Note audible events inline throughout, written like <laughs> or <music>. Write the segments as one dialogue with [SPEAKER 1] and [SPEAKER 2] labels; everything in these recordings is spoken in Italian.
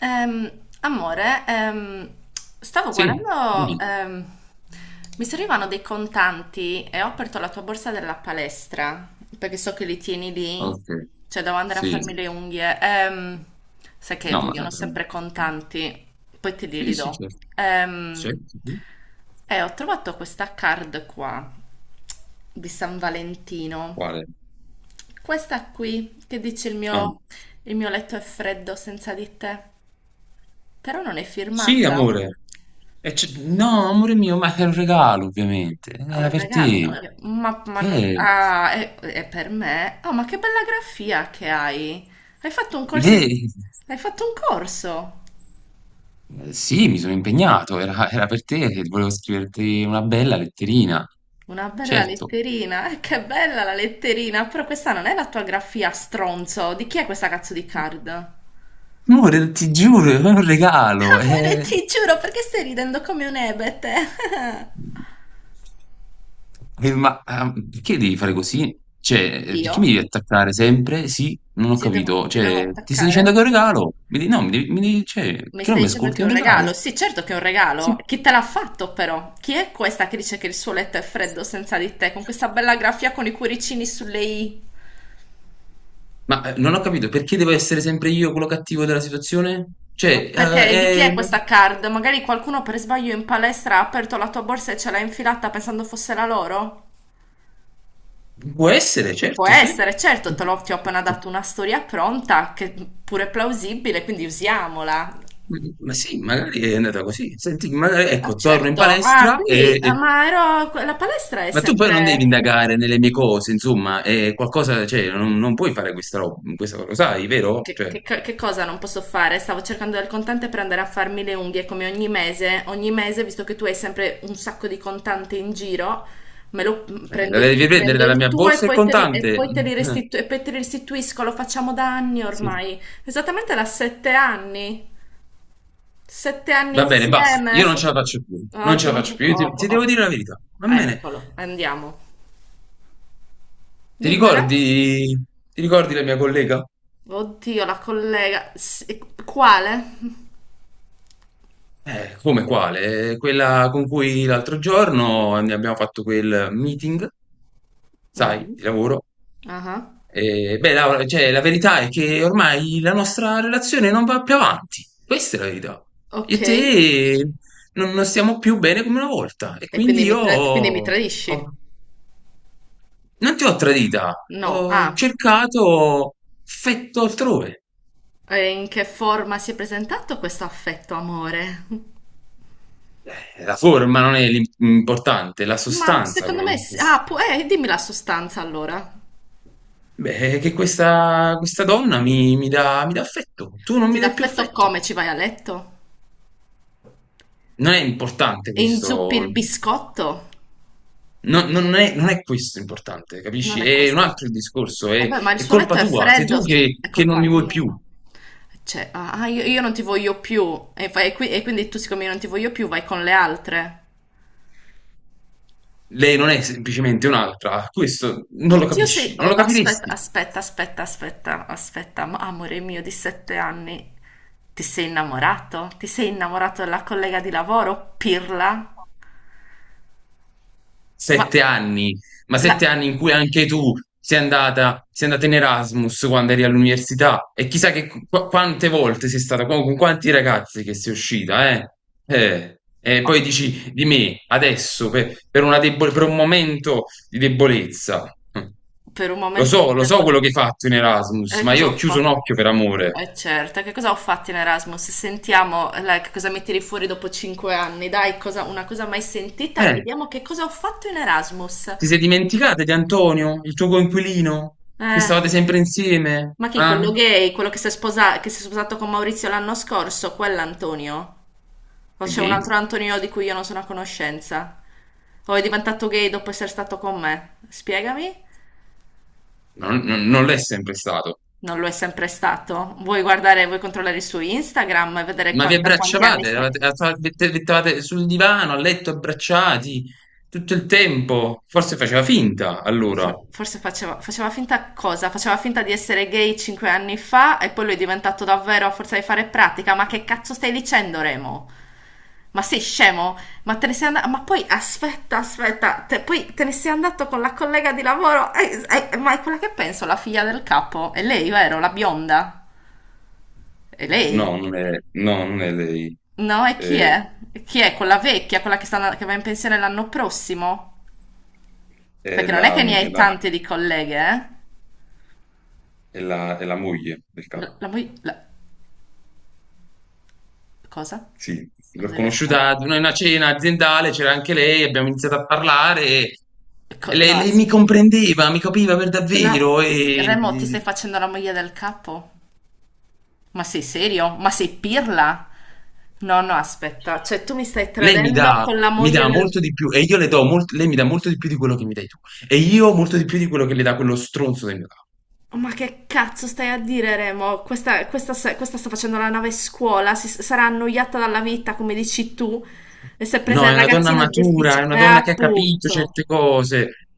[SPEAKER 1] Ehm, amore, stavo
[SPEAKER 2] Sì,
[SPEAKER 1] guardando,
[SPEAKER 2] dimmi.
[SPEAKER 1] mi servivano dei contanti e ho aperto la tua borsa della palestra, perché so che li tieni lì,
[SPEAKER 2] Okay,
[SPEAKER 1] cioè devo andare a
[SPEAKER 2] sì.
[SPEAKER 1] farmi le unghie. Sai che
[SPEAKER 2] No, ma
[SPEAKER 1] vogliono sempre
[SPEAKER 2] <unintelligible>
[SPEAKER 1] contanti, poi te li
[SPEAKER 2] Sì, sì,
[SPEAKER 1] ridò.
[SPEAKER 2] certo,
[SPEAKER 1] Ehm,
[SPEAKER 2] certo, sì. Sì.
[SPEAKER 1] e ho trovato questa card qua di San Valentino,
[SPEAKER 2] Quale?
[SPEAKER 1] questa qui che dice
[SPEAKER 2] Ah.
[SPEAKER 1] il mio letto è freddo senza di te. Però non è
[SPEAKER 2] Sì,
[SPEAKER 1] firmata.
[SPEAKER 2] amore. E c no, amore mio, ma è un regalo ovviamente,
[SPEAKER 1] Ah, è
[SPEAKER 2] era
[SPEAKER 1] un
[SPEAKER 2] per
[SPEAKER 1] regalo,
[SPEAKER 2] te.
[SPEAKER 1] ovvio. Ma non-
[SPEAKER 2] Eh,
[SPEAKER 1] Ah, è per me. Oh, ma che bella grafia che hai. Hai fatto un corso di...
[SPEAKER 2] Vedi?
[SPEAKER 1] Hai fatto un corso.
[SPEAKER 2] Sì, mi sono impegnato, era per te che volevo scriverti una bella letterina.
[SPEAKER 1] Una bella
[SPEAKER 2] Certo.
[SPEAKER 1] letterina. Che bella la letterina. Però questa non è la tua grafia, stronzo. Di chi è questa cazzo di card? <laughs>
[SPEAKER 2] Amore, ti giuro, è un regalo,
[SPEAKER 1] Amore,
[SPEAKER 2] eh.
[SPEAKER 1] ti giuro, perché stai ridendo come un ebete? <laughs>
[SPEAKER 2] Ma, perché devi fare così? Cioè,
[SPEAKER 1] Io?
[SPEAKER 2] perché mi devi attaccare sempre? Sì? Non ho
[SPEAKER 1] Ti devo,
[SPEAKER 2] capito.
[SPEAKER 1] ti devo
[SPEAKER 2] Cioè, ti sto dicendo
[SPEAKER 1] attaccare?
[SPEAKER 2] che è un regalo? Mi di no, mi devi cioè,
[SPEAKER 1] Mi
[SPEAKER 2] che non
[SPEAKER 1] stai
[SPEAKER 2] mi
[SPEAKER 1] dicendo che
[SPEAKER 2] ascolti?
[SPEAKER 1] è
[SPEAKER 2] È
[SPEAKER 1] un
[SPEAKER 2] un
[SPEAKER 1] regalo?
[SPEAKER 2] regalo.
[SPEAKER 1] Sì, certo che è un regalo.
[SPEAKER 2] Sì.
[SPEAKER 1] Chi te l'ha fatto però? Chi è questa che dice che il suo letto è freddo senza di te, con questa bella grafia con i cuoricini sulle i?
[SPEAKER 2] Ma, non ho capito, perché devo essere sempre io quello cattivo della situazione? Cioè,
[SPEAKER 1] Perché di chi è questa card? Magari qualcuno per sbaglio in palestra ha aperto la tua borsa e ce l'ha infilata pensando fosse la loro?
[SPEAKER 2] può essere,
[SPEAKER 1] Può
[SPEAKER 2] certo, sì.
[SPEAKER 1] essere, certo,
[SPEAKER 2] Mh,
[SPEAKER 1] ti ho appena
[SPEAKER 2] certo.
[SPEAKER 1] dato una storia pronta, che pure è plausibile, quindi usiamola.
[SPEAKER 2] Ma sì, magari è andata così. Senti, magari
[SPEAKER 1] Ah,
[SPEAKER 2] ecco, torno in
[SPEAKER 1] certo. Ah,
[SPEAKER 2] palestra
[SPEAKER 1] quindi,
[SPEAKER 2] e
[SPEAKER 1] ah,
[SPEAKER 2] e
[SPEAKER 1] ma ero, la palestra è
[SPEAKER 2] Ma tu poi non devi
[SPEAKER 1] sempre...
[SPEAKER 2] indagare nelle mie cose, insomma, è qualcosa, cioè, non puoi fare questa roba, questa cosa, lo sai, vero?
[SPEAKER 1] Che,
[SPEAKER 2] Cioè,
[SPEAKER 1] che co- che cosa non posso fare? Stavo cercando del contante per andare a farmi le unghie come ogni mese. Ogni mese, visto che tu hai sempre un sacco di contante in giro, me lo
[SPEAKER 2] la
[SPEAKER 1] prendo il,
[SPEAKER 2] devi prendere
[SPEAKER 1] prendo
[SPEAKER 2] dalla
[SPEAKER 1] il
[SPEAKER 2] mia
[SPEAKER 1] tuo e
[SPEAKER 2] borsa il
[SPEAKER 1] e
[SPEAKER 2] contante.
[SPEAKER 1] poi te li
[SPEAKER 2] Eh,
[SPEAKER 1] restitu- e poi te li restituisco. Lo facciamo da anni
[SPEAKER 2] sì.
[SPEAKER 1] ormai. Esattamente da 7 anni. 7 anni
[SPEAKER 2] Va bene, basta.
[SPEAKER 1] insieme.
[SPEAKER 2] Io non ce la faccio più,
[SPEAKER 1] Ah,
[SPEAKER 2] non ce
[SPEAKER 1] tu
[SPEAKER 2] la
[SPEAKER 1] non
[SPEAKER 2] faccio
[SPEAKER 1] c'è.
[SPEAKER 2] più. Io
[SPEAKER 1] Oh,
[SPEAKER 2] ti, ti devo
[SPEAKER 1] oh.
[SPEAKER 2] dire la verità. Va bene.
[SPEAKER 1] Eccolo, andiamo.
[SPEAKER 2] Ti
[SPEAKER 1] Dimmela.
[SPEAKER 2] ricordi, ti ricordi la mia collega?
[SPEAKER 1] Oddio, la collega. Quale?
[SPEAKER 2] Come quale? Quella con cui l'altro giorno ne abbiamo fatto quel meeting, sai,
[SPEAKER 1] Mhm.
[SPEAKER 2] di lavoro.
[SPEAKER 1] Ah.
[SPEAKER 2] Beh, Laura, cioè, la verità è che ormai la nostra relazione non va più avanti. Questa è la verità. Io
[SPEAKER 1] Ok,
[SPEAKER 2] e
[SPEAKER 1] e
[SPEAKER 2] te non stiamo più bene come una volta. E quindi
[SPEAKER 1] quindi mi,
[SPEAKER 2] io
[SPEAKER 1] tra- quindi mi tradisci?
[SPEAKER 2] ho- non ti ho tradita,
[SPEAKER 1] No.
[SPEAKER 2] ho
[SPEAKER 1] Ah,
[SPEAKER 2] cercato affetto altrove.
[SPEAKER 1] e in che forma si è presentato questo affetto, amore?
[SPEAKER 2] La forma non è l'importante, è la
[SPEAKER 1] Ma
[SPEAKER 2] sostanza
[SPEAKER 1] secondo
[SPEAKER 2] quello
[SPEAKER 1] me...
[SPEAKER 2] che,
[SPEAKER 1] Ah, dimmi la sostanza allora.
[SPEAKER 2] beh, che questa donna mi dà affetto. Tu non
[SPEAKER 1] Ti
[SPEAKER 2] mi
[SPEAKER 1] dà
[SPEAKER 2] dai più
[SPEAKER 1] affetto
[SPEAKER 2] affetto.
[SPEAKER 1] come? Ci vai a letto?
[SPEAKER 2] Non è importante
[SPEAKER 1] E inzuppi
[SPEAKER 2] questo.
[SPEAKER 1] il biscotto?
[SPEAKER 2] No, non è questo importante,
[SPEAKER 1] Non
[SPEAKER 2] capisci?
[SPEAKER 1] è
[SPEAKER 2] È un
[SPEAKER 1] questo.
[SPEAKER 2] altro il discorso, è,
[SPEAKER 1] Vabbè, ma il
[SPEAKER 2] è
[SPEAKER 1] suo letto
[SPEAKER 2] colpa
[SPEAKER 1] è
[SPEAKER 2] tua, sei
[SPEAKER 1] freddo,
[SPEAKER 2] tu che,
[SPEAKER 1] è
[SPEAKER 2] che non
[SPEAKER 1] colpa
[SPEAKER 2] mi vuoi
[SPEAKER 1] mia.
[SPEAKER 2] più,
[SPEAKER 1] Cioè, ah, ah, io non ti voglio più. E, e quindi tu, siccome io non ti voglio più, vai con le altre.
[SPEAKER 2] lei non è semplicemente un'altra, questo non lo
[SPEAKER 1] Oddio, se...
[SPEAKER 2] capisci, non
[SPEAKER 1] oh,
[SPEAKER 2] lo
[SPEAKER 1] aspetta,
[SPEAKER 2] capiresti.
[SPEAKER 1] aspetta, aspetta, aspetta, aspetta, ma- amore mio di 7 anni, ti sei innamorato? Ti sei innamorato della collega di lavoro, pirla? Ma,
[SPEAKER 2] Sette anni, ma
[SPEAKER 1] la-
[SPEAKER 2] sette anni in cui anche tu sei andata in Erasmus quando eri all'università e chissà che quante volte sei stata, con quanti ragazzi che sei uscita, eh? Eh, E
[SPEAKER 1] ma
[SPEAKER 2] poi dici di me adesso per un momento di debolezza. Hm.
[SPEAKER 1] per un
[SPEAKER 2] Lo
[SPEAKER 1] momento
[SPEAKER 2] so,
[SPEAKER 1] di
[SPEAKER 2] lo so quello che
[SPEAKER 1] debolezza,
[SPEAKER 2] hai fatto in Erasmus, ma
[SPEAKER 1] cosa
[SPEAKER 2] io ho
[SPEAKER 1] ho
[SPEAKER 2] chiuso un
[SPEAKER 1] fatto?
[SPEAKER 2] occhio per amore.
[SPEAKER 1] Eh certo, che cosa ho fatto in Erasmus? Sentiamo, che cosa mi tiri fuori dopo 5 anni, dai, cosa- una cosa mai sentita,
[SPEAKER 2] Eh,
[SPEAKER 1] vediamo che cosa ho fatto in Erasmus.
[SPEAKER 2] ti sei dimenticata di Antonio, il tuo coinquilino, che
[SPEAKER 1] Eh,
[SPEAKER 2] stavate sempre insieme?
[SPEAKER 1] ma chi, quello
[SPEAKER 2] Ah?
[SPEAKER 1] gay, quello che si è che si è sposato con Maurizio l'anno scorso, quell'Antonio? O
[SPEAKER 2] È
[SPEAKER 1] c'è un
[SPEAKER 2] gay?
[SPEAKER 1] altro Antonio di cui io non sono a conoscenza. O è diventato gay dopo essere stato con me. Spiegami?
[SPEAKER 2] Non l'è sempre stato.
[SPEAKER 1] Non lo è sempre stato. Vuoi guardare, vuoi controllare il suo Instagram e vedere
[SPEAKER 2] Ma vi
[SPEAKER 1] da quanti anni
[SPEAKER 2] abbracciavate,
[SPEAKER 1] stai...
[SPEAKER 2] mettevate sul divano, a letto, abbracciati tutto il tempo. Forse faceva finta allora.
[SPEAKER 1] Forse faceva finta cosa? Faceva finta di essere gay 5 anni fa e poi lo è diventato davvero a forza di fare pratica. Ma che cazzo stai dicendo, Remo? Ma sei scemo? Ma te ne sei andato? Ma poi aspetta, aspetta, poi te ne sei andato con la collega di lavoro? Ma è quella che penso, la figlia del capo? È lei, vero? La bionda? È lei?
[SPEAKER 2] No, non è, no, non è lei.
[SPEAKER 1] No, e chi
[SPEAKER 2] È,
[SPEAKER 1] è? Chi è? Quella vecchia, quella che va in pensione l'anno prossimo?
[SPEAKER 2] è
[SPEAKER 1] Perché non è
[SPEAKER 2] la,
[SPEAKER 1] che ne
[SPEAKER 2] è
[SPEAKER 1] hai
[SPEAKER 2] la,
[SPEAKER 1] tante di colleghe, eh?
[SPEAKER 2] è la, è la-
[SPEAKER 1] La,
[SPEAKER 2] capa.
[SPEAKER 1] la moglie- la- cosa?
[SPEAKER 2] Sì. L'ho
[SPEAKER 1] Cosa hai detto?
[SPEAKER 2] conosciuta ad una cena aziendale, c'era anche lei, abbiamo iniziato a parlare e
[SPEAKER 1] No,
[SPEAKER 2] lei mi comprendeva, mi capiva per
[SPEAKER 1] la-
[SPEAKER 2] davvero e
[SPEAKER 1] Remo, ti stai facendo la moglie del capo? Ma sei serio? Ma sei pirla? No, no, aspetta, cioè tu mi stai
[SPEAKER 2] Lei mi
[SPEAKER 1] tradendo
[SPEAKER 2] dà,
[SPEAKER 1] con la
[SPEAKER 2] mi
[SPEAKER 1] moglie
[SPEAKER 2] dà
[SPEAKER 1] del...
[SPEAKER 2] molto di più e io le do molto, lei mi dà molto di più di quello che mi dai tu e io molto di più di quello che le dà quello stronzo del mio capo.
[SPEAKER 1] Oh, ma che cazzo stai a dire, Remo? Questa sta facendo la nave scuola, si, sarà annoiata dalla vita, come dici tu, e si è presa
[SPEAKER 2] No,
[SPEAKER 1] il
[SPEAKER 2] è una donna
[SPEAKER 1] ragazzino di
[SPEAKER 2] matura, è una donna che ha capito
[SPEAKER 1] Appunto.
[SPEAKER 2] certe cose.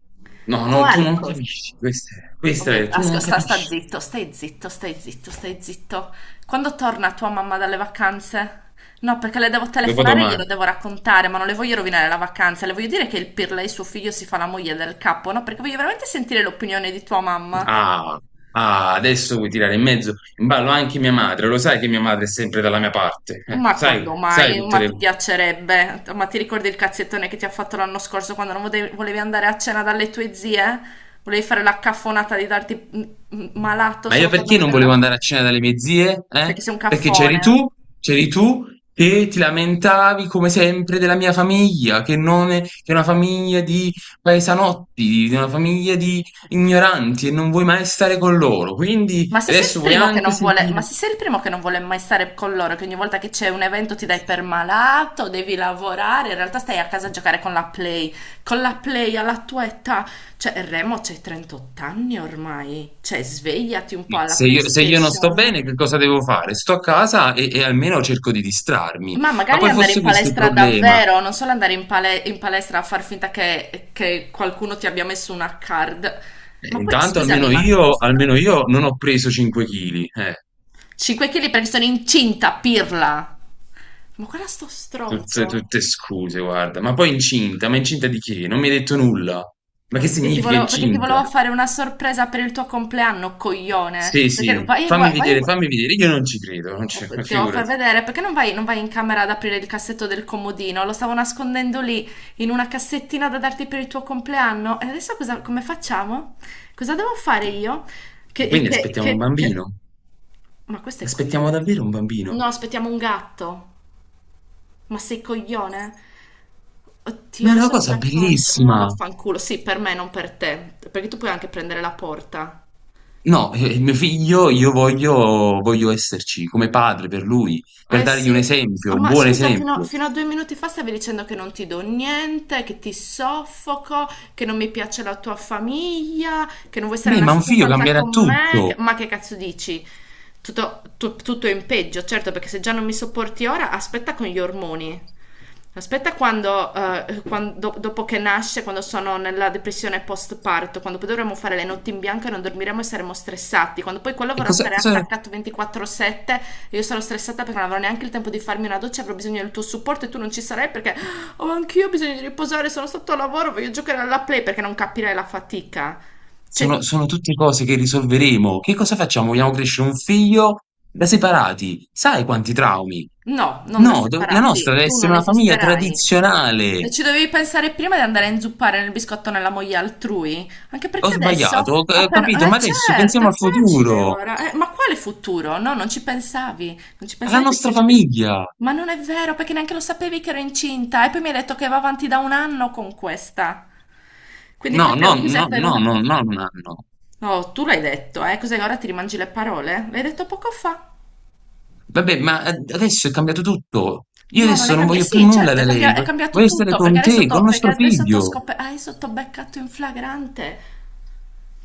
[SPEAKER 2] No, no, tu
[SPEAKER 1] Quali
[SPEAKER 2] non
[SPEAKER 1] cose?
[SPEAKER 2] capisci, questa è,
[SPEAKER 1] Oh
[SPEAKER 2] questa
[SPEAKER 1] mio-
[SPEAKER 2] è, tu
[SPEAKER 1] asco-
[SPEAKER 2] non
[SPEAKER 1] sta, sta
[SPEAKER 2] capisci.
[SPEAKER 1] zitto, stai zitto, stai zitto, stai zitto. Quando torna tua mamma dalle vacanze? No, perché le devo telefonare e glielo
[SPEAKER 2] Dopodomani.
[SPEAKER 1] devo raccontare, ma non le voglio rovinare la vacanza. Le voglio dire che il Pirla e suo figlio si fa la moglie del capo, no? Perché voglio veramente sentire l'opinione di tua mamma.
[SPEAKER 2] Ah, ah, adesso vuoi tirare in ballo anche mia madre, lo sai che mia madre è sempre dalla mia parte,
[SPEAKER 1] Ma
[SPEAKER 2] sai,
[SPEAKER 1] quando
[SPEAKER 2] sai
[SPEAKER 1] mai?
[SPEAKER 2] tutte
[SPEAKER 1] Ma
[SPEAKER 2] le
[SPEAKER 1] ti piacerebbe? Ma ti ricordi il cazzettone che ti ha fatto l'anno scorso quando non volevi andare a cena dalle tue zie? Volevi fare la caffonata di darti malato
[SPEAKER 2] Ma io
[SPEAKER 1] solo per non
[SPEAKER 2] perché non
[SPEAKER 1] vedere la
[SPEAKER 2] volevo
[SPEAKER 1] tua...
[SPEAKER 2] andare a cena dalle mie zie? Eh?
[SPEAKER 1] Perché sei un
[SPEAKER 2] Perché c'eri
[SPEAKER 1] caffone.
[SPEAKER 2] tu,
[SPEAKER 1] Eh.
[SPEAKER 2] c'eri tu che ti lamentavi come sempre della mia famiglia, che non è, che è una famiglia di paesanotti, di una famiglia di ignoranti e non vuoi mai stare con loro. Quindi
[SPEAKER 1] Ma se sei il
[SPEAKER 2] adesso vuoi
[SPEAKER 1] primo che
[SPEAKER 2] anche
[SPEAKER 1] non vuole, ma
[SPEAKER 2] sentire.
[SPEAKER 1] se sei il primo che non vuole mai stare con loro, che ogni volta che c'è un evento ti dai per malato, devi lavorare, in realtà stai a casa a giocare con la Play. Con la Play alla tua età, cioè Remo c'hai 38 anni ormai, cioè svegliati un po'
[SPEAKER 2] Sì.
[SPEAKER 1] alla
[SPEAKER 2] Se io non sto bene,
[SPEAKER 1] PlayStation.
[SPEAKER 2] che cosa devo fare? Sto a casa e almeno cerco di distrarmi.
[SPEAKER 1] Ma
[SPEAKER 2] Ma
[SPEAKER 1] magari
[SPEAKER 2] poi
[SPEAKER 1] andare
[SPEAKER 2] fosse
[SPEAKER 1] in
[SPEAKER 2] questo il
[SPEAKER 1] palestra
[SPEAKER 2] problema.
[SPEAKER 1] davvero, non solo andare in, in palestra a far finta che qualcuno ti abbia messo una card. Ma poi,
[SPEAKER 2] Intanto
[SPEAKER 1] scusami,
[SPEAKER 2] almeno
[SPEAKER 1] ma
[SPEAKER 2] io,
[SPEAKER 1] questa
[SPEAKER 2] almeno io non ho preso 5 kg.
[SPEAKER 1] 5 kg perché sono incinta, pirla. Ma guarda sto
[SPEAKER 2] Tutte,
[SPEAKER 1] stronzo.
[SPEAKER 2] tutte scuse, guarda. Ma poi incinta? Ma incinta di che? Non mi hai detto nulla. Ma che
[SPEAKER 1] Perché ti
[SPEAKER 2] significa
[SPEAKER 1] volevo, perché ti
[SPEAKER 2] incinta?
[SPEAKER 1] volevo fare una sorpresa per il tuo compleanno, coglione.
[SPEAKER 2] Sì,
[SPEAKER 1] Perché
[SPEAKER 2] sì, fammi
[SPEAKER 1] vai e
[SPEAKER 2] vedere,
[SPEAKER 1] gua-
[SPEAKER 2] fammi vedere. Io non ci credo, non ci,
[SPEAKER 1] Ti
[SPEAKER 2] <laughs>
[SPEAKER 1] devo far
[SPEAKER 2] figurati.
[SPEAKER 1] vedere, perché non vai in camera ad aprire il cassetto del comodino? Lo stavo nascondendo lì in una cassettina da darti per il tuo compleanno. E adesso cosa, come facciamo? Cosa devo fare io? Che,
[SPEAKER 2] Quindi
[SPEAKER 1] che,
[SPEAKER 2] aspettiamo un
[SPEAKER 1] che, che...
[SPEAKER 2] bambino.
[SPEAKER 1] Ma questo è
[SPEAKER 2] Aspettiamo
[SPEAKER 1] coglione.
[SPEAKER 2] davvero un
[SPEAKER 1] No,
[SPEAKER 2] bambino.
[SPEAKER 1] aspettiamo un gatto. Ma sei coglione?
[SPEAKER 2] Ma
[SPEAKER 1] Oddio,
[SPEAKER 2] è una
[SPEAKER 1] adesso
[SPEAKER 2] cosa
[SPEAKER 1] cosa faccio? Ma
[SPEAKER 2] bellissima.
[SPEAKER 1] vaffanculo, sì, per me, non per te, perché tu puoi anche prendere la porta.
[SPEAKER 2] No, mio figlio, io voglio esserci come padre per lui, per
[SPEAKER 1] Eh
[SPEAKER 2] dargli un
[SPEAKER 1] sì, ah,
[SPEAKER 2] esempio, un
[SPEAKER 1] ma
[SPEAKER 2] buon
[SPEAKER 1] scusa, fino a,
[SPEAKER 2] esempio.
[SPEAKER 1] fino a 2 minuti fa stavi dicendo che non ti do niente, che ti soffoco, che non mi piace la tua famiglia, che non vuoi stare
[SPEAKER 2] Beh,
[SPEAKER 1] nella
[SPEAKER 2] ma un
[SPEAKER 1] stessa
[SPEAKER 2] figlio
[SPEAKER 1] stanza
[SPEAKER 2] cambierà
[SPEAKER 1] con me, che-
[SPEAKER 2] tutto.
[SPEAKER 1] ma che cazzo dici? Tutto in peggio, certo, perché se già non mi sopporti ora, aspetta con gli ormoni. Aspetta quando, dopo che nasce, quando sono nella depressione post-parto, quando poi dovremo fare le notti in bianco e non dormiremo e saremo stressati, quando poi quello
[SPEAKER 2] E
[SPEAKER 1] vorrà
[SPEAKER 2] cosa,
[SPEAKER 1] stare
[SPEAKER 2] cosa,
[SPEAKER 1] attaccato 24/7 io sarò stressata perché non avrò neanche il tempo di farmi una doccia, avrò bisogno del tuo supporto e tu non ci sarai perché oh, anch'io ho bisogno di riposare, sono stato a lavoro, voglio giocare alla play perché non capirai la fatica. Cioè,
[SPEAKER 2] sono tutte cose che risolveremo. Che cosa facciamo? Vogliamo crescere un figlio da separati? Sai quanti traumi?
[SPEAKER 1] no, non da
[SPEAKER 2] No, la nostra
[SPEAKER 1] separarti,
[SPEAKER 2] deve
[SPEAKER 1] tu
[SPEAKER 2] essere
[SPEAKER 1] non
[SPEAKER 2] una famiglia
[SPEAKER 1] esisterai. E
[SPEAKER 2] tradizionale.
[SPEAKER 1] ci dovevi pensare prima di andare a inzuppare nel biscotto nella moglie altrui? Anche
[SPEAKER 2] Ho
[SPEAKER 1] perché adesso,
[SPEAKER 2] sbagliato, ho
[SPEAKER 1] appena...
[SPEAKER 2] capito,
[SPEAKER 1] Eh
[SPEAKER 2] ma adesso
[SPEAKER 1] certo,
[SPEAKER 2] pensiamo
[SPEAKER 1] è
[SPEAKER 2] al
[SPEAKER 1] facile
[SPEAKER 2] futuro,
[SPEAKER 1] ora. Ma quale futuro? No, non ci pensavi. Non ci
[SPEAKER 2] alla
[SPEAKER 1] pensavi perché se
[SPEAKER 2] nostra
[SPEAKER 1] ci avessi...
[SPEAKER 2] famiglia.
[SPEAKER 1] Ma non è vero, perché neanche lo sapevi che ero incinta. E poi mi hai detto che va avanti da un anno con questa. Quindi
[SPEAKER 2] No, no,
[SPEAKER 1] proprio
[SPEAKER 2] no,
[SPEAKER 1] cos'è per
[SPEAKER 2] no,
[SPEAKER 1] una...
[SPEAKER 2] no, no, no, no.
[SPEAKER 1] Oh, tu l'hai detto, eh? Cos'è? Ora ti rimangi le parole? L'hai detto poco fa.
[SPEAKER 2] Vabbè, ma adesso è cambiato tutto. Io
[SPEAKER 1] No, non
[SPEAKER 2] adesso
[SPEAKER 1] è
[SPEAKER 2] non
[SPEAKER 1] cambiato.
[SPEAKER 2] voglio più
[SPEAKER 1] Sì,
[SPEAKER 2] nulla
[SPEAKER 1] certo, è
[SPEAKER 2] da lei.
[SPEAKER 1] cambia- è
[SPEAKER 2] vo-
[SPEAKER 1] cambiato
[SPEAKER 2] Voglio stare
[SPEAKER 1] tutto
[SPEAKER 2] con te, con
[SPEAKER 1] perché
[SPEAKER 2] nostro
[SPEAKER 1] adesso t'ho
[SPEAKER 2] figlio.
[SPEAKER 1] scop- adesso t'ho beccato in flagrante.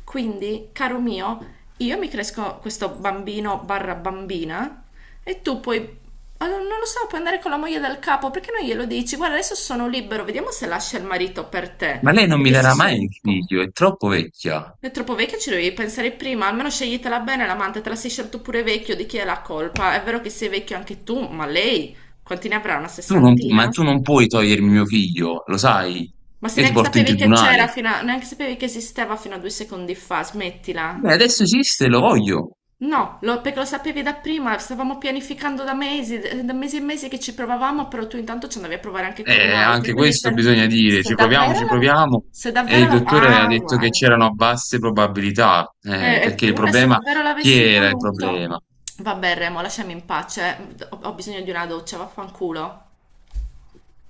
[SPEAKER 1] Quindi, caro mio, io mi cresco questo bambino barra bambina e tu puoi, ah, non lo so, puoi andare con la moglie del capo perché non glielo dici? Guarda, adesso sono libero, vediamo se lascia il marito per te.
[SPEAKER 2] Ma lei non mi
[SPEAKER 1] Perché sei
[SPEAKER 2] darà
[SPEAKER 1] solo
[SPEAKER 2] mai
[SPEAKER 1] un
[SPEAKER 2] il
[SPEAKER 1] po'.
[SPEAKER 2] figlio, è troppo vecchia.
[SPEAKER 1] È troppo vecchia, ci dovevi pensare prima. Almeno sceglitela bene l'amante, te la sei scelto pure vecchio, di chi è la colpa? È vero che sei vecchio anche tu, ma lei quanti ne avrà? Una
[SPEAKER 2] Tu non pu ma
[SPEAKER 1] sessantina?
[SPEAKER 2] tu non puoi togliermi mio figlio, lo sai?
[SPEAKER 1] Ma se
[SPEAKER 2] Io ti
[SPEAKER 1] neanche
[SPEAKER 2] porto in
[SPEAKER 1] sapevi che c'era
[SPEAKER 2] tribunale.
[SPEAKER 1] fino a... neanche sapevi che esisteva fino a 2 secondi fa, smettila.
[SPEAKER 2] Beh, adesso esiste, lo voglio.
[SPEAKER 1] No, perché lo sapevi da prima, stavamo pianificando da mesi e mesi che ci provavamo, però tu intanto ci andavi a provare anche con un'altra.
[SPEAKER 2] Anche
[SPEAKER 1] Quindi
[SPEAKER 2] questo
[SPEAKER 1] se,
[SPEAKER 2] bisogna dire,
[SPEAKER 1] se
[SPEAKER 2] ci proviamo,
[SPEAKER 1] davvero
[SPEAKER 2] ci
[SPEAKER 1] la...
[SPEAKER 2] proviamo.
[SPEAKER 1] se
[SPEAKER 2] E
[SPEAKER 1] davvero
[SPEAKER 2] il
[SPEAKER 1] la...
[SPEAKER 2] dottore ha
[SPEAKER 1] Ah,
[SPEAKER 2] detto che
[SPEAKER 1] guarda.
[SPEAKER 2] c'erano basse probabilità, perché il
[SPEAKER 1] Eppure, se
[SPEAKER 2] problema,
[SPEAKER 1] davvero
[SPEAKER 2] chi
[SPEAKER 1] l'avessi
[SPEAKER 2] era il
[SPEAKER 1] voluto...
[SPEAKER 2] problema?
[SPEAKER 1] Vabbè, Remo, lasciami in pace. Ho bisogno di una doccia, vaffanculo.